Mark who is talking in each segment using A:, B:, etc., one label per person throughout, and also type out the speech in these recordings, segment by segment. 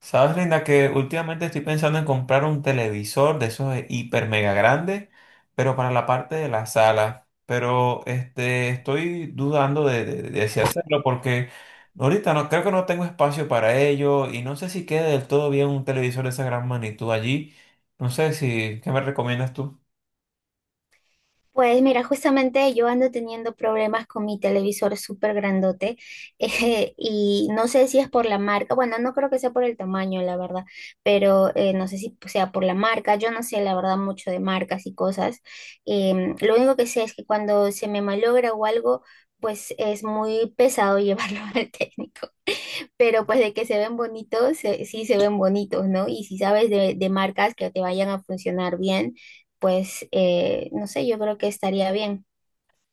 A: Sabes, Linda, que últimamente estoy pensando en comprar un televisor de esos de hiper mega grandes, pero para la parte de la sala. Pero estoy dudando de si hacerlo porque ahorita no creo que no tengo espacio para ello y no sé si quede del todo bien un televisor de esa gran magnitud allí. No sé si, ¿qué me recomiendas tú?
B: Pues mira, justamente yo ando teniendo problemas con mi televisor súper grandote y no sé si es por la marca, bueno, no creo que sea por el tamaño, la verdad, pero no sé si sea por la marca, yo no sé la verdad mucho de marcas y cosas. Lo único que sé es que cuando se me malogra o algo, pues es muy pesado llevarlo al técnico, pero pues de que se ven bonitos, sí se ven bonitos, ¿no? Y si sabes de marcas que te vayan a funcionar bien, pues no sé, yo creo que estaría bien.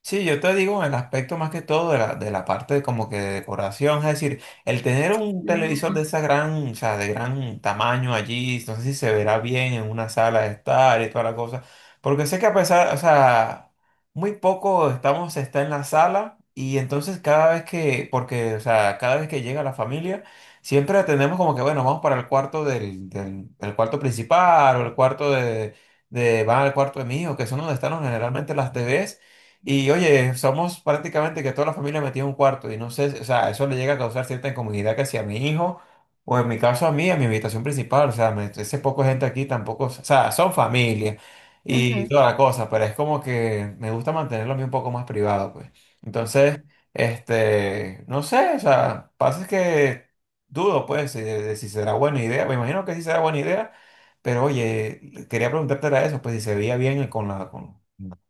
A: Sí, yo te digo en el aspecto más que todo de de la parte de como que de decoración, es decir, el tener un televisor de
B: Ujú.
A: esa gran, o sea, de gran tamaño allí, no sé si se verá bien en una sala de estar y toda la cosa, porque sé que a pesar, o sea, muy poco estamos, está en la sala y entonces cada vez que, porque, o sea, cada vez que llega la familia, siempre atendemos como que, bueno, vamos para el cuarto el cuarto principal o el cuarto de, van al cuarto de mi hijo, que son donde están generalmente las TVs. Y oye, somos prácticamente que toda la familia metida en un cuarto y no sé, o sea, eso le llega a causar cierta incomodidad que si a mi hijo o en mi caso a mí, a mi habitación principal, o sea, me, ese poco gente aquí tampoco, o sea, son familia y
B: Ujú.
A: toda la cosa, pero es como que me gusta mantenerlo a mí un poco más privado, pues. Entonces, no sé, o sea, pasa es que dudo, pues, de si será buena idea, me imagino que sí será buena idea, pero oye, quería preguntarte era eso, pues, si se veía bien con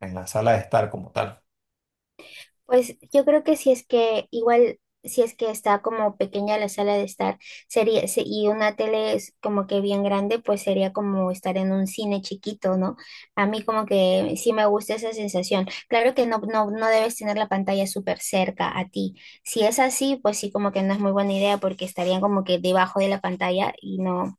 A: en la sala de estar como tal.
B: Pues yo creo que si es que igual, si es que está como pequeña la sala de estar, y una tele es como que bien grande, pues sería como estar en un cine chiquito, ¿no? A mí como que sí me gusta esa sensación. Claro que no debes tener la pantalla súper cerca a ti. Si es así, pues sí como que no es muy buena idea porque estarían como que debajo de la pantalla y no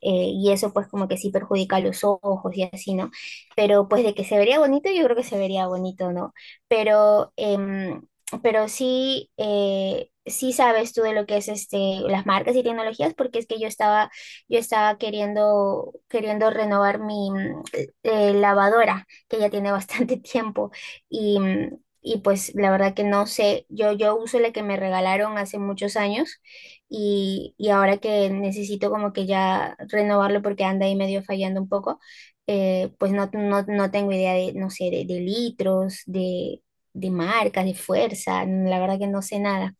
B: y eso pues como que sí perjudica los ojos y así, ¿no? Pero pues de que se vería bonito, yo creo que se vería bonito, ¿no? Pero, pero sí, sí sabes tú de lo que es este, las marcas y tecnologías, porque es que yo estaba queriendo renovar mi lavadora, que ya tiene bastante tiempo, y pues la verdad que no sé, yo uso la que me regalaron hace muchos años y ahora que necesito como que ya renovarlo porque anda ahí medio fallando un poco, pues no tengo idea de, no sé, de litros, de marcas, de fuerza, la verdad que no sé nada.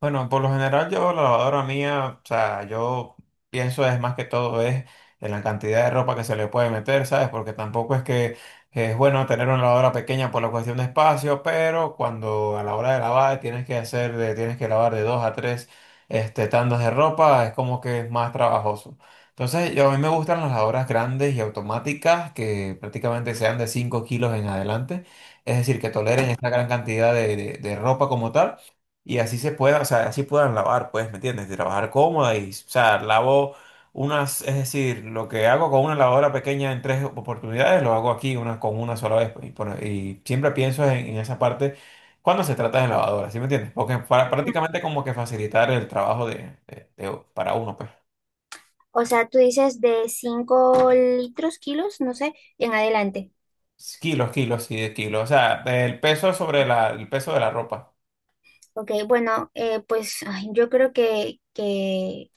A: Bueno, por lo general yo la lavadora mía, o sea, yo pienso es más que todo es en la cantidad de ropa que se le puede meter, ¿sabes? Porque tampoco es que es bueno tener una lavadora pequeña por la cuestión de espacio, pero cuando a la hora de lavar tienes que hacer, tienes que lavar de dos a tres tandas de ropa, es como que es más trabajoso. Entonces, yo, a mí me gustan las lavadoras grandes y automáticas que prácticamente sean de 5 kilos en adelante, es decir, que toleren esta gran cantidad de ropa como tal. Y así se pueda, o sea, así puedan lavar, pues, ¿me entiendes? De trabajar cómoda y, o sea, lavo unas, es decir, lo que hago con una lavadora pequeña en tres oportunidades, lo hago aquí una, con una sola vez, pues. Y siempre pienso en esa parte cuando se trata de lavadoras, ¿sí me entiendes? Porque para,
B: Ujú.
A: prácticamente como que facilitar el trabajo de para uno, pues.
B: O sea, tú dices de 5 litros, kilos, no sé, en adelante.
A: Kilos, kilos y de kilos. O sea, el peso sobre el peso de la ropa.
B: Ok, bueno, pues ay, yo creo que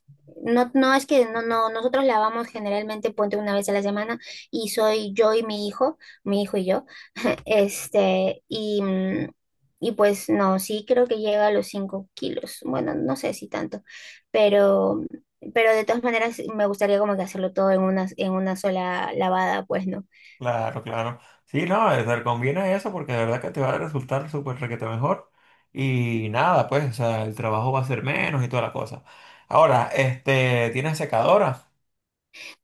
B: no es que no, no, nosotros lavamos generalmente ponte una vez a la semana y soy yo y mi hijo y yo, este, y, mm, y pues no, sí creo que llega a los 5 kilos, bueno, no sé si tanto, pero, pero de todas maneras me gustaría como que hacerlo todo en una sola lavada, pues, ¿no?
A: Claro, claro. Sí, no, te conviene eso porque de verdad que te va a resultar súper requete mejor. Y nada, pues, o sea, el trabajo va a ser menos y toda la cosa. Ahora, ¿tienes secadora?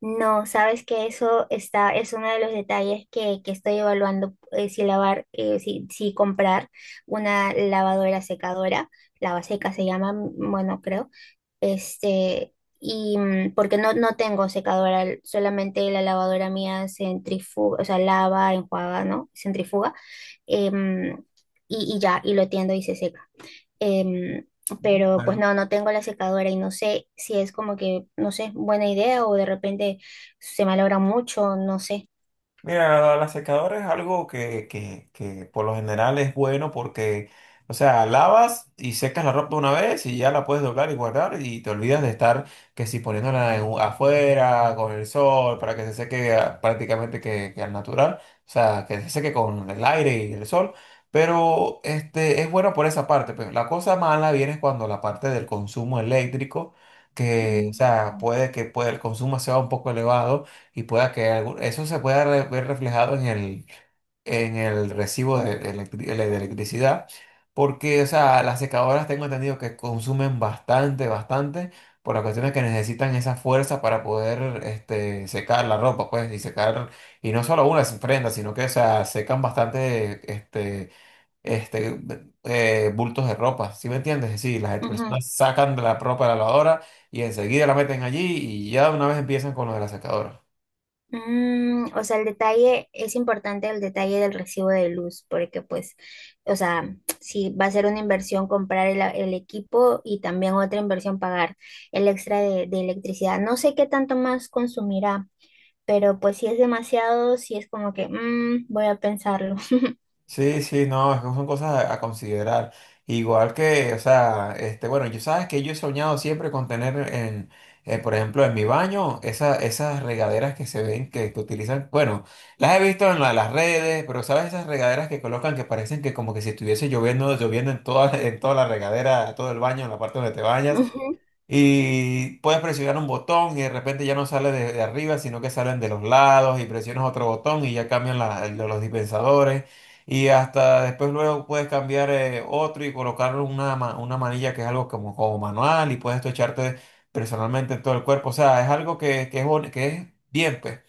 B: No, sabes que eso está, es uno de los detalles que estoy evaluando, si lavar, si comprar una lavadora secadora, lavaseca se llama, bueno, creo, este, porque no tengo secadora, solamente la lavadora mía centrifuga, o sea, lava, enjuaga, ¿no? Centrifuga, em, y ya, y lo tiendo y se seca. Em,
A: Ujú.
B: pero pues
A: Bueno.
B: no tengo la secadora y no sé si es como que, no sé, buena idea o de repente se malogra mucho, no sé.
A: Mira, la secadora es algo que por lo general es bueno porque, o sea, lavas y secas la ropa una vez y ya la puedes doblar y guardar y te olvidas de estar que si poniéndola afuera con el sol para que se seque ah, prácticamente que al natural, o sea, que se seque con el aire y el sol, pero es bueno por esa parte, pero la cosa mala viene cuando la parte del consumo eléctrico, que, o sea,
B: Mm,
A: puede, el consumo sea un poco elevado y pueda que eso se pueda ver reflejado en en el recibo de de electricidad, porque o sea, las secadoras tengo entendido que consumen bastante, bastante, por las cuestiones que necesitan esa fuerza para poder secar la ropa, pues, y secar, y no solo una prenda, sino que o sea, secan bastante este, bultos de ropa, ¿sí me entiendes? Sí, las
B: ujú.
A: personas sacan de la ropa de la lavadora y enseguida la meten allí y ya de una vez empiezan con lo de la secadora.
B: O sea, el detalle, es importante el detalle del recibo de luz, porque pues, o sea, si va a ser una inversión comprar el equipo y también otra inversión pagar el extra de electricidad. No sé qué tanto más consumirá, pero pues si es demasiado, si es como que, voy a pensarlo.
A: Sí, sí, no, es que son cosas a considerar. Igual que, o sea, bueno, yo sabes que yo he soñado siempre con tener en, por ejemplo, en mi baño, esas regaderas que se ven, que utilizan, bueno, las he visto en las redes, pero sabes esas regaderas que colocan que parecen que como que si estuviese lloviendo, lloviendo en toda, en toda la regadera, todo el baño, en la parte donde te bañas. Y puedes presionar un botón y de repente ya no sale de arriba, sino que salen de los lados y presionas otro botón y ya cambian los dispensadores. Y hasta después luego puedes cambiar otro y colocar una, una manilla que es algo como manual y puedes tú echarte personalmente en todo el cuerpo. O sea, es algo que es, que es bien, pues.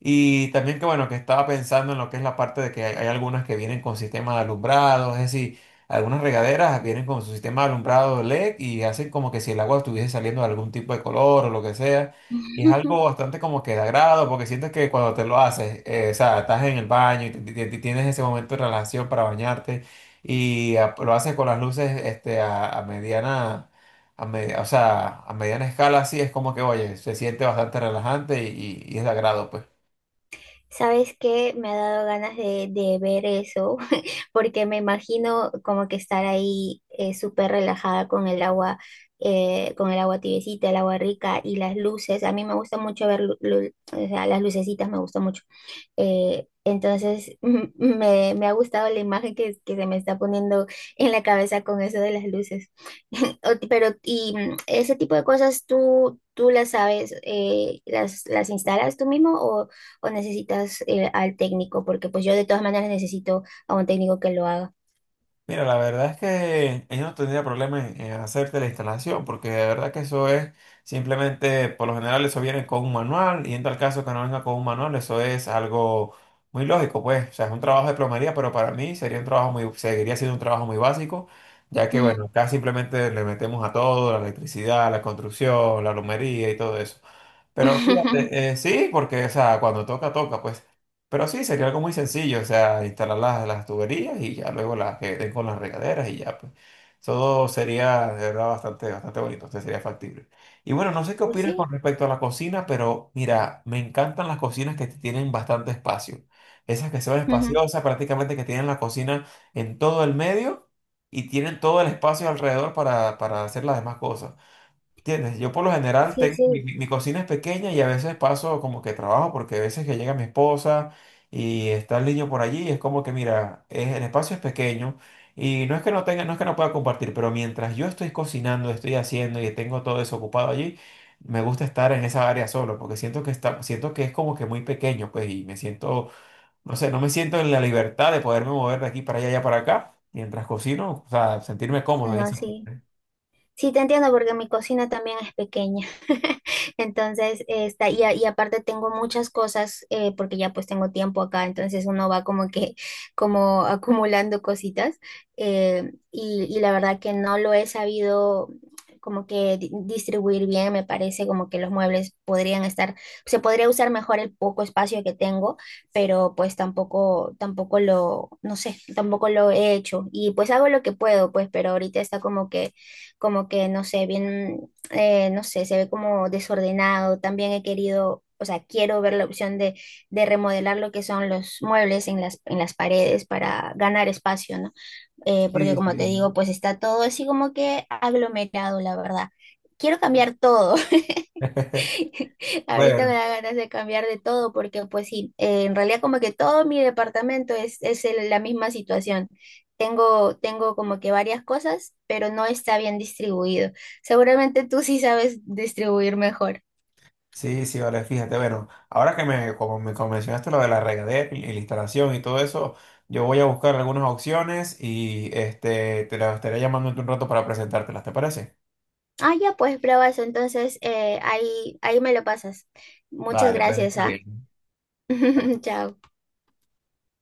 A: Y también que bueno, que estaba pensando en lo que es la parte de que hay algunas que vienen con sistema de alumbrado, es decir, algunas regaderas vienen con su sistema de alumbrado LED y hacen como que si el agua estuviese saliendo de algún tipo de color o lo que sea. Y es algo bastante como que de agrado porque sientes que cuando te lo haces, o sea, estás en el baño y tienes ese momento de relajación para bañarte y ah, lo haces con las luces a mediana o sea, a mediana escala, así es como que, oye, se siente bastante relajante y es de agrado, pues.
B: ¿Sabes qué? Me ha dado ganas de ver eso, porque me imagino como que estar ahí súper relajada con el agua tibiecita, el agua rica y las luces. A mí me gusta mucho ver, o sea, las lucecitas me gusta mucho. Entonces, me ha gustado la imagen que se me está poniendo en la cabeza con eso de las luces. Pero, ese tipo de cosas tú las sabes, las instalas tú mismo o necesitas al técnico? Porque pues yo de todas maneras necesito a un técnico que lo haga.
A: Mira, la verdad es que ellos no tendría problema en hacerte la instalación, porque de verdad que eso es simplemente, por lo general, eso viene con un manual, y en tal caso que no venga con un manual, eso es algo muy lógico, pues. O sea, es un trabajo de plomería, pero para mí sería un trabajo muy, seguiría siendo un trabajo muy básico, ya que, bueno,
B: Ujú.
A: acá simplemente le metemos a todo, la electricidad, la construcción, la plomería y todo eso. Pero fíjate, sí, porque, o sea, cuando toca, toca, pues. Pero sí, sería algo muy sencillo, o sea, instalar las tuberías y ya luego las que den con las regaderas y ya, pues. Todo sería, de verdad, bastante, bastante bonito, entonces sería factible. Y bueno, no sé qué
B: Pues
A: opinas
B: sí.
A: con respecto a la cocina, pero mira, me encantan las cocinas que tienen bastante espacio. Esas que son
B: Ujú.
A: espaciosas, prácticamente que tienen la cocina en todo el medio y tienen todo el espacio alrededor para hacer las demás cosas. ¿Entiendes? Yo por lo general
B: Sí,
A: tengo, mi,
B: sí.
A: mi- mi cocina es pequeña y a veces paso como que trabajo porque a veces que llega mi esposa y está el niño por allí, es como que mira, el espacio es pequeño y no es que no tenga, no es que no pueda compartir, pero mientras yo estoy cocinando, estoy haciendo y tengo todo eso ocupado allí, me gusta estar en esa área solo porque siento que está, siento que es como que muy pequeño, pues y me siento, no sé, no me siento en la libertad de poderme mover de aquí para allá, allá para acá, mientras cocino, o sea, sentirme cómodo en
B: No,
A: esa
B: sí.
A: parte.
B: Sí, te entiendo porque mi cocina también es pequeña. Entonces, está, y aparte tengo muchas cosas porque ya pues tengo tiempo acá, entonces uno va como que como acumulando cositas, y la verdad que no lo he sabido como que distribuir bien, me parece como que los muebles podrían estar, se podría usar mejor el poco espacio que tengo, pero pues tampoco lo, no sé, tampoco lo he hecho y pues hago lo que puedo, pues, pero ahorita está como que, no sé, bien, no sé, se ve como desordenado. También he querido, o sea, quiero ver la opción de remodelar lo que son los muebles en las paredes para ganar espacio, ¿no? Porque
A: Sí,
B: como te
A: sí.
B: digo, pues está todo así como que aglomerado, la verdad. Quiero cambiar todo. Ahorita me
A: Bueno.
B: da ganas de cambiar de todo porque pues sí, en realidad como que todo mi departamento es la misma situación. Tengo como que varias cosas, pero no está bien distribuido. Seguramente tú sí sabes distribuir mejor.
A: Sí, sí, vale, fíjate, bueno, ahora que me como mencionaste lo de la regadera y la instalación y todo eso, yo voy a buscar algunas opciones y te las estaré llamando en un rato para presentártelas, ¿te parece?
B: Ah, ya pues, bravazo. Entonces ahí me lo pasas. Muchas
A: Vale, pues,
B: gracias,
A: está
B: ¿ah?
A: bien.
B: Chao.